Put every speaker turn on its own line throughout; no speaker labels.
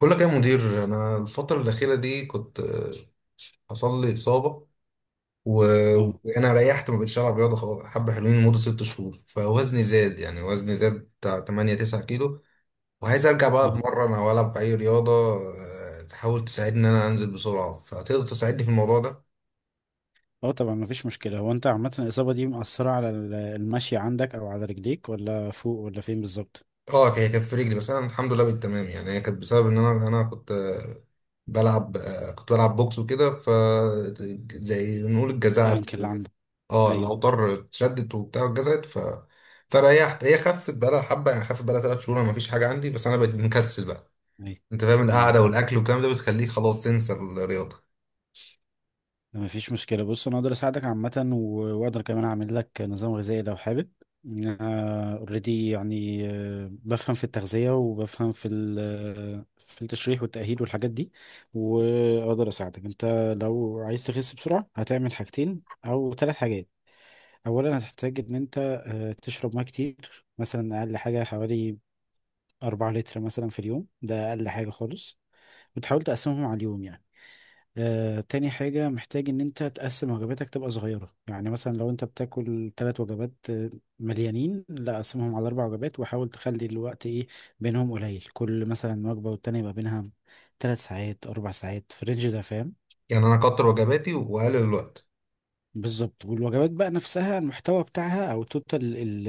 بقول لك إيه يا مدير، انا الفتره الاخيره دي كنت حصل لي اصابه.
اه
وانا ريحت ما بقتش العب رياضه خالص حبه حلوين لمده 6 شهور، فوزني زاد، يعني وزني زاد بتاع 8 9 كيلو، وعايز ارجع بقى
اه
اتمرن او العب اي رياضه. تحاول تساعدني ان انزل بسرعه، فتقدر تساعدني في الموضوع ده؟
اه طبعا مفيش مشكلة. هو انت عامة الإصابة دي مأثرة على المشي عندك أو على رجليك ولا فوق ولا فين بالظبط؟
اه هي كانت في رجلي، بس انا الحمد لله بقيت تمام. يعني هي كانت بسبب ان انا كنت بلعب، كنت بلعب بوكس وكده، ف زي نقول
لا
الجزعة.
رجلي انكل للأسف عندك.
اه
أيوه
الاوتار اتشدت وبتاع اتجزت، ف فريحت، هي خفت بقالها حبه، يعني خفت بقالها 3 شهور ما فيش حاجه عندي، بس انا بقيت مكسل بقى.
أيوه
انت فاهم،
أيوه
القعده
فاهم.
والاكل والكلام ده بتخليك خلاص تنسى الرياضه.
مفيش مشكلة، بص أنا أقدر أساعدك عامة، وأقدر كمان أعمل لك نظام غذائي لو حابب. أنا أوريدي يعني بفهم في التغذية وبفهم في في التشريح والتأهيل والحاجات دي، وأقدر أساعدك أنت. لو عايز تخس بسرعة هتعمل حاجتين أو ثلاث حاجات. اولا هتحتاج ان انت تشرب ميه كتير، مثلا اقل حاجه حوالي 4 لتر مثلا في اليوم، ده اقل حاجه خالص، وتحاول تقسمهم على اليوم يعني. تاني حاجة محتاج إن أنت تقسم وجباتك تبقى صغيرة، يعني مثلا لو أنت بتاكل تلات وجبات مليانين، لا قسمهم على أربع وجبات، وحاول تخلي الوقت إيه بينهم قليل، كل مثلا وجبة والتانية يبقى بينها تلات ساعات أربع ساعات في الرينج ده، فاهم.
يعني انا اكتر وجباتي واقلل الوقت.
بالظبط، والوجبات بقى نفسها المحتوى بتاعها او توتال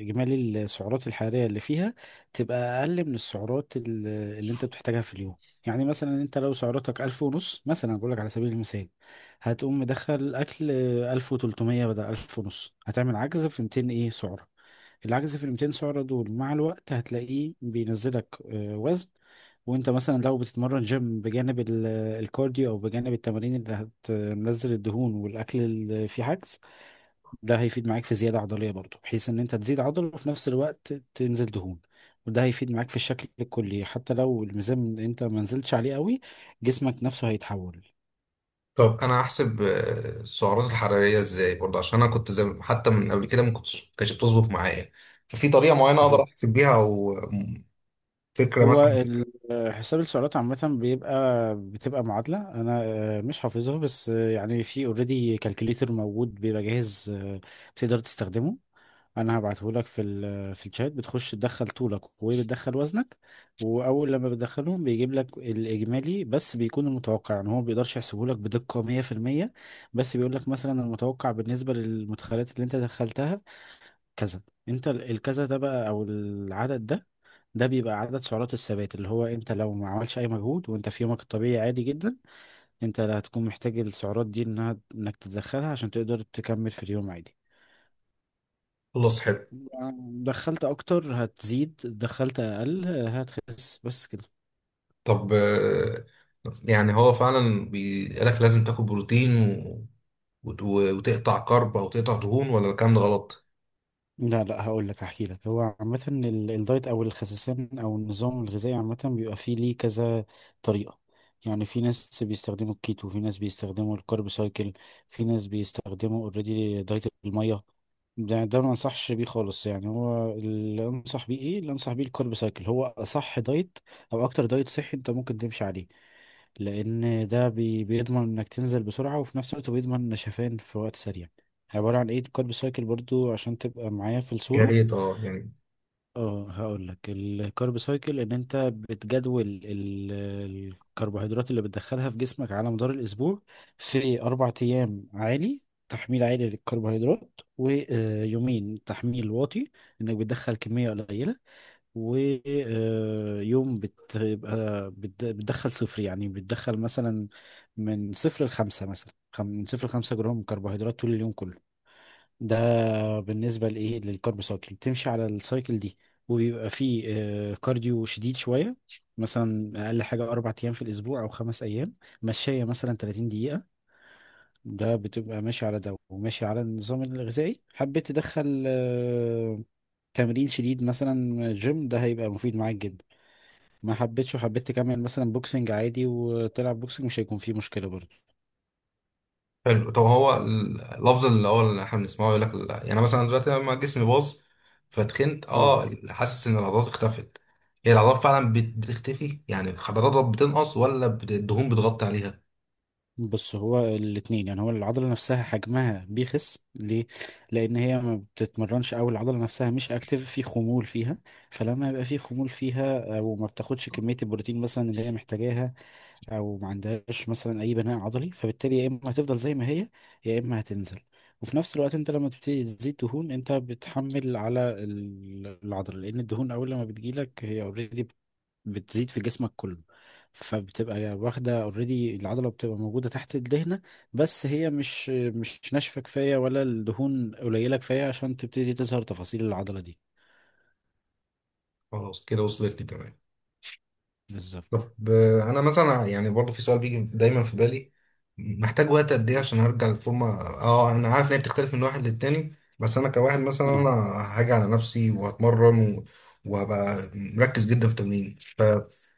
اجمالي السعرات الحراريه اللي فيها تبقى اقل من السعرات اللي انت بتحتاجها في اليوم. يعني مثلا انت لو سعراتك ألف ونص مثلا، بقول لك على سبيل المثال، هتقوم مدخل اكل ألف وتلتمية بدل ألف ونص، هتعمل عجز في ميتين ايه سعرة. العجز في ال 200 سعرة دول مع الوقت هتلاقيه بينزلك وزن. وانت مثلا لو بتتمرن جيم بجانب الكارديو او بجانب التمارين اللي هتنزل الدهون، والاكل اللي فيه عجز، ده هيفيد معاك في زيادة عضلية برضه، بحيث ان انت تزيد عضل وفي نفس الوقت تنزل دهون. وده هيفيد معاك في الشكل الكلي حتى لو الميزان انت ما نزلتش عليه قوي، جسمك نفسه هيتحول.
طب انا هحسب السعرات الحراريه ازاي برضه؟ عشان انا كنت زي حتى من قبل كده ما كنتش كانتش بتظبط معايا. ففي طريقه معينه اقدر احسب بيها، او فكره
هو
مثلا؟
حساب السعرات عامة بتبقى معادلة، أنا مش حافظها، بس يعني في اوريدي كالكوليتر موجود بيبقى جاهز، بتقدر تستخدمه. أنا هبعته لك في ال آه، في الشات، بتخش تدخل طولك وبتدخل وزنك، وأول لما بتدخلهم بيجيب لك الإجمالي، بس بيكون المتوقع، يعني هو ما بيقدرش يحسبه لك بدقة 100%، بس بيقول لك مثلا المتوقع بالنسبة للمدخلات اللي أنت دخلتها كذا. أنت الكذا ده بقى أو العدد ده، ده بيبقى عدد سعرات الثبات، اللي هو انت لو ما عملش اي مجهود وانت في يومك الطبيعي عادي جدا، انت اللي هتكون محتاج السعرات دي انها انك تدخلها عشان تقدر تكمل في اليوم عادي.
خلاص حلو.
دخلت اكتر هتزيد، دخلت اقل هتخس، بس كده.
طب يعني هو فعلا بيقولك لازم تاكل بروتين وتقطع كرب او تقطع دهون، ولا الكلام ده غلط؟
لا هقول لك، هحكي لك. هو عامة الدايت أو الخسسان أو النظام الغذائي عامة بيبقى فيه ليه كذا طريقة. يعني في ناس بيستخدموا الكيتو، في ناس بيستخدموا الكارب سايكل، في ناس بيستخدموا اوريدي دايت المية. ده ما انصحش بيه خالص. يعني هو اللي انصح بيه ايه، اللي انصح بيه الكارب سايكل، هو اصح دايت او اكتر دايت صحي انت ممكن تمشي عليه، لان ده بيضمن انك تنزل بسرعه، وفي نفس الوقت بيضمن نشفان في وقت سريع. عباره عن ايه الكارب سايكل برضو عشان تبقى معايا في
يا
الصوره.
ريت اه يعني.
اه هقول لك، الكارب سايكل ان انت بتجدول الكربوهيدرات اللي بتدخلها في جسمك على مدار الاسبوع. في اربع ايام عالي، تحميل عالي للكربوهيدرات، ويومين تحميل واطي، انك بتدخل كميه قليله، ويوم بتبقى بتدخل صفر، يعني بتدخل مثلا من صفر لخمسة، مثلا من صفر لخمسة جرام كربوهيدرات طول اليوم كله. ده بالنسبة لإيه، للكارب سايكل، بتمشي على السايكل دي. وبيبقى فيه كارديو شديد شوية، مثلا أقل حاجة أربع أيام في الأسبوع أو خمس أيام، مشاية مثلا 30 دقيقة. ده بتبقى ماشي على ده وماشي على النظام الغذائي. حبيت تدخل تمرين شديد مثلا جيم، ده هيبقى مفيد معاك جدا. ما حبيتش وحبيت تكمل مثلا بوكسنج عادي وتلعب بوكسنج، مش هيكون فيه مشكلة برضه.
حلو. طب هو اللفظ اللي هو اللي احنا بنسمعه يقول لك لا، يعني مثلا دلوقتي لما جسمي باظ فتخنت،
اه
اه حاسس ان العضلات اختفت. هي العضلات فعلا بتختفي، يعني الخضروات بتنقص، ولا الدهون بتغطي عليها؟
بص، هو الاتنين. يعني هو العضلة نفسها حجمها بيخس ليه؟ لأن هي ما بتتمرنش، أو العضلة نفسها مش أكتف، في خمول فيها. فلما يبقى في خمول فيها أو ما بتاخدش كمية البروتين مثلا اللي هي محتاجاها، أو ما عندهاش مثلا أي بناء عضلي، فبالتالي يا إما هتفضل زي ما هي يا إما هتنزل. وفي نفس الوقت انت لما تبتدي تزيد دهون، انت بتحمل على العضله، لان الدهون اول لما بتجيلك هي اوريدي بتزيد في جسمك كله، فبتبقى واخدة اوريدي، العضلة بتبقى موجودة تحت الدهنة، بس هي مش ناشفة كفاية ولا الدهون قليلة كفاية عشان تبتدي تظهر تفاصيل العضلة دي.
خلاص كده وصلت لي تمام.
بالظبط.
طب انا مثلا يعني برضو في سؤال بيجي دايما في بالي، محتاج وقت قد ايه عشان ارجع للفورمه؟ اه انا عارف ان هي بتختلف من واحد للتاني، بس انا كواحد مثلا،
اه
انا هاجي على نفسي وهتمرن وهبقى مركز جدا في التمرين.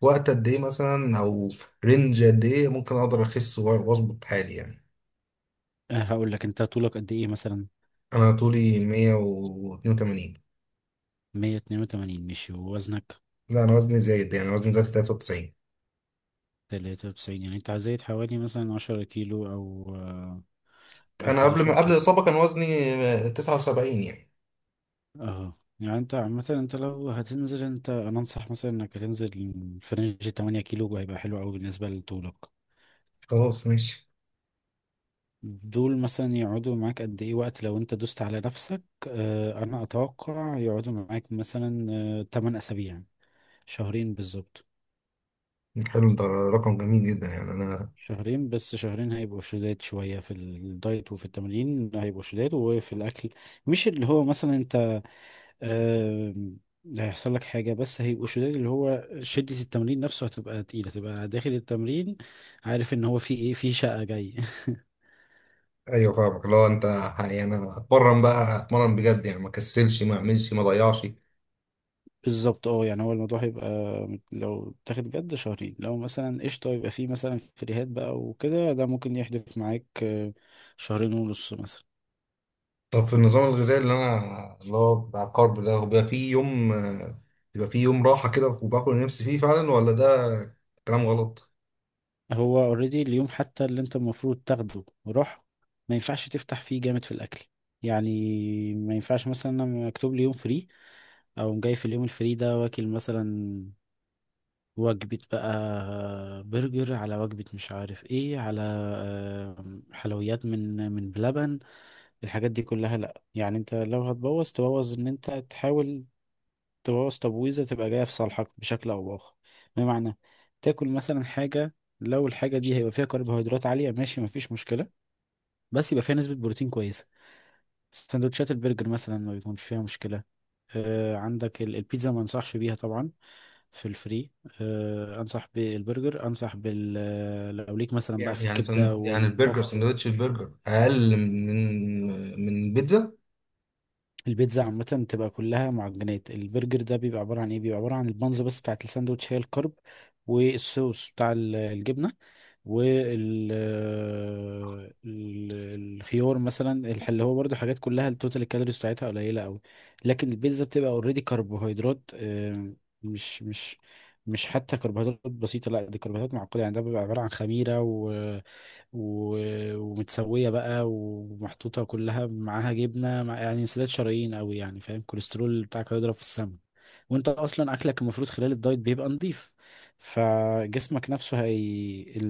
فوقت قد ايه مثلا، او رينج قد ايه ممكن اقدر اخس واظبط حالي يعني؟
هقول لك، انت طولك قد ايه مثلا؟
انا طولي 182.
182 ماشي، ووزنك؟
لا انا وزني زايد، يعني وزني دلوقتي 93.
93. يعني انت زايد حوالي مثلا 10 كيلو او او
انا قبل
11.
ما قبل الاصابه كان وزني 79 يعني.
اه، يعني انت عامة انت لو هتنزل، انت انا انصح مثلا انك هتنزل في رينج 8 كيلو، هيبقى حلو قوي بالنسبة لطولك.
خلاص ماشي.
دول مثلا يقعدوا معاك قد ايه وقت لو انت دوست على نفسك؟ اه انا اتوقع يقعدوا معاك مثلا اه 8 اسابيع، شهرين بالظبط.
حلو ده رقم جميل جدا، يعني انا.
شهرين بس، شهرين هيبقوا شداد شوية في الدايت وفي التمرين، هيبقوا شداد وفي الاكل، مش اللي هو مثلا انت آم، لا هيحصل لك حاجة، بس هيبقوا شداد، اللي هو شدة التمرين نفسه هتبقى تقيلة، تبقى داخل التمرين عارف ان هو في ايه، في شقة جاي.
ايوه فاهمك. لو انت يعني، انا اتمرن بقى اتمرن بجد، يعني ما كسلش ما اعملش ما ضيعش.
بالظبط، اه يعني هو الموضوع هيبقى لو تاخد جد شهرين، لو مثلا قشطة يبقى فيه مثلا فريهات بقى وكده، ده ممكن يحدث معاك شهرين ونص مثلا.
طب في النظام الغذائي اللي انا اللي هو بتاع الكارب ده، هو بيبقى فيه يوم بيبقى فيه يوم راحه كده وباكل اللي نفسي فيه فعلا، ولا ده كلام غلط؟
هو اوريدي اليوم حتى اللي انت المفروض تاخده وراح، ما ينفعش تفتح فيه جامد في الاكل. يعني ما ينفعش مثلا انا مكتوب لي يوم فري، اقوم جاي في اليوم الفري ده واكل مثلا وجبة بقى برجر على وجبة مش عارف ايه على حلويات من بلبن، الحاجات دي كلها لا. يعني انت لو هتبوظ، تبوظ ان انت تحاول تبوظ تبويزة تبقى جاية في صالحك بشكل او باخر. بمعنى تاكل مثلا حاجة، لو الحاجة دي هيبقى فيها كربوهيدرات عالية ماشي مفيش مشكلة، بس يبقى فيها نسبة بروتين كويسة. سندوتشات البرجر مثلا ما بيكونش فيها مشكلة. آه عندك البيتزا ما انصحش بيها طبعا في الفري. آه انصح بالبرجر، انصح بال لو ليك مثلا بقى
يعني
في
يعني
الكبدة
يعني البرجر،
والمخ.
سندوتش البرجر اقل من من البيتزا؟
البيتزا عامة بتبقى كلها معجنات، البرجر ده بيبقى عبارة عن ايه، بيبقى عبارة عن البانز بس بتاعت الساندوتش، هي الكرب والصوص بتاع الجبنة وال ال- الخيار مثلا، اللي هو برضو حاجات كلها التوتال الكالوريز بتاعتها قليلة قوي. لكن البيتزا بتبقى اوريدي كربوهيدرات، مش مش حتى كربوهيدرات بسيطة، لا دي كربوهيدرات معقدة. يعني ده بيبقى عبارة عن خميرة ومتسوية بقى ومحطوطة كلها معاها جبنة، مع يعني انسداد شرايين قوي يعني فاهم، الكوليسترول بتاعك هيضرب في السما. وانت اصلا اكلك المفروض خلال الدايت بيبقى نظيف، فجسمك نفسه،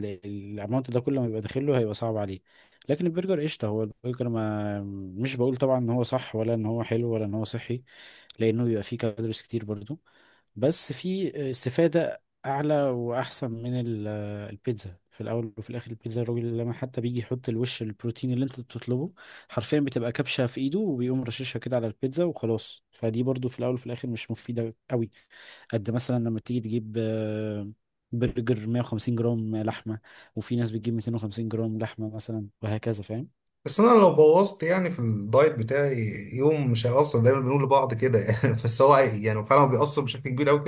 الاماونت ده كله ما يبقى داخله هيبقى صعب عليه. لكن البرجر قشطة. هو البرجر ما مش بقول طبعا ان هو صح ولا ان هو حلو ولا ان هو صحي، لانه بيبقى فيه كالوريز كتير برضو، بس في استفادة أعلى وأحسن من البيتزا. في الأول وفي الآخر البيتزا الراجل لما حتى بيجي يحط الوش البروتين اللي أنت بتطلبه، حرفيا بتبقى كبشة في إيده وبيقوم رشاشها كده على البيتزا وخلاص، فدي برضو في الأول وفي الآخر مش مفيدة قوي، قد مثلا لما تيجي تجيب برجر 150 جرام لحمة، وفي ناس بتجيب 250 جرام لحمة مثلا، وهكذا فاهم.
بس انا لو بوظت يعني في الدايت بتاعي يوم مش هيأثر، دايما بنقول لبعض كده يعني، بس هو يعني فعلا هو بيأثر بشكل كبير قوي.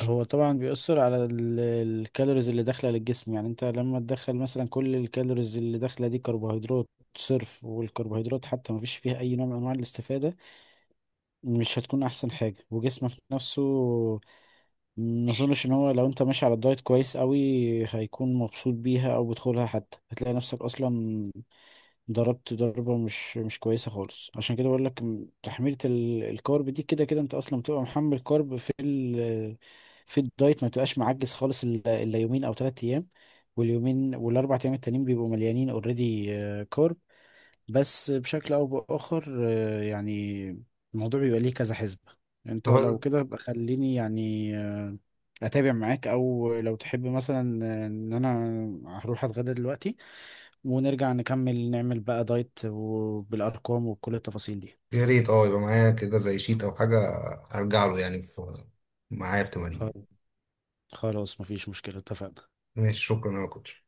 هو طبعا بيأثر على الكالوريز اللي داخلة للجسم. يعني انت لما تدخل مثلا كل الكالوريز اللي داخلة دي كربوهيدرات صرف، والكربوهيدرات حتى ما فيش فيها اي نوع من انواع الاستفادة، مش هتكون احسن حاجة. وجسمك نفسه ما اظنش ان هو لو انت ماشي على الدايت كويس قوي هيكون مبسوط بيها، او بتدخلها حتى هتلاقي نفسك اصلا ضربت ضربة مش كويسة خالص. عشان كده بقول لك تحميلة الكارب دي، كده كده انت اصلا بتبقى محمل كارب في في الدايت، ما تبقاش معجز خالص الا إلا يومين او ثلاث ايام، واليومين والاربع ايام التانيين بيبقوا مليانين اوريدي كارب. بس بشكل او باخر يعني الموضوع بيبقى ليه كذا حسبة. انت لو
كده
كده بقى خليني يعني اتابع معاك، او لو تحب مثلا ان انا هروح اتغدى دلوقتي ونرجع نكمل نعمل بقى دايت وبالارقام وكل التفاصيل دي.
يا ريت اه يبقى معايا كده زي شيت او حاجة هرجع له، يعني في معايا في تمارين.
خل- خلاص مفيش مشكلة، اتفقنا.
ماشي، شكرا يا كوتش.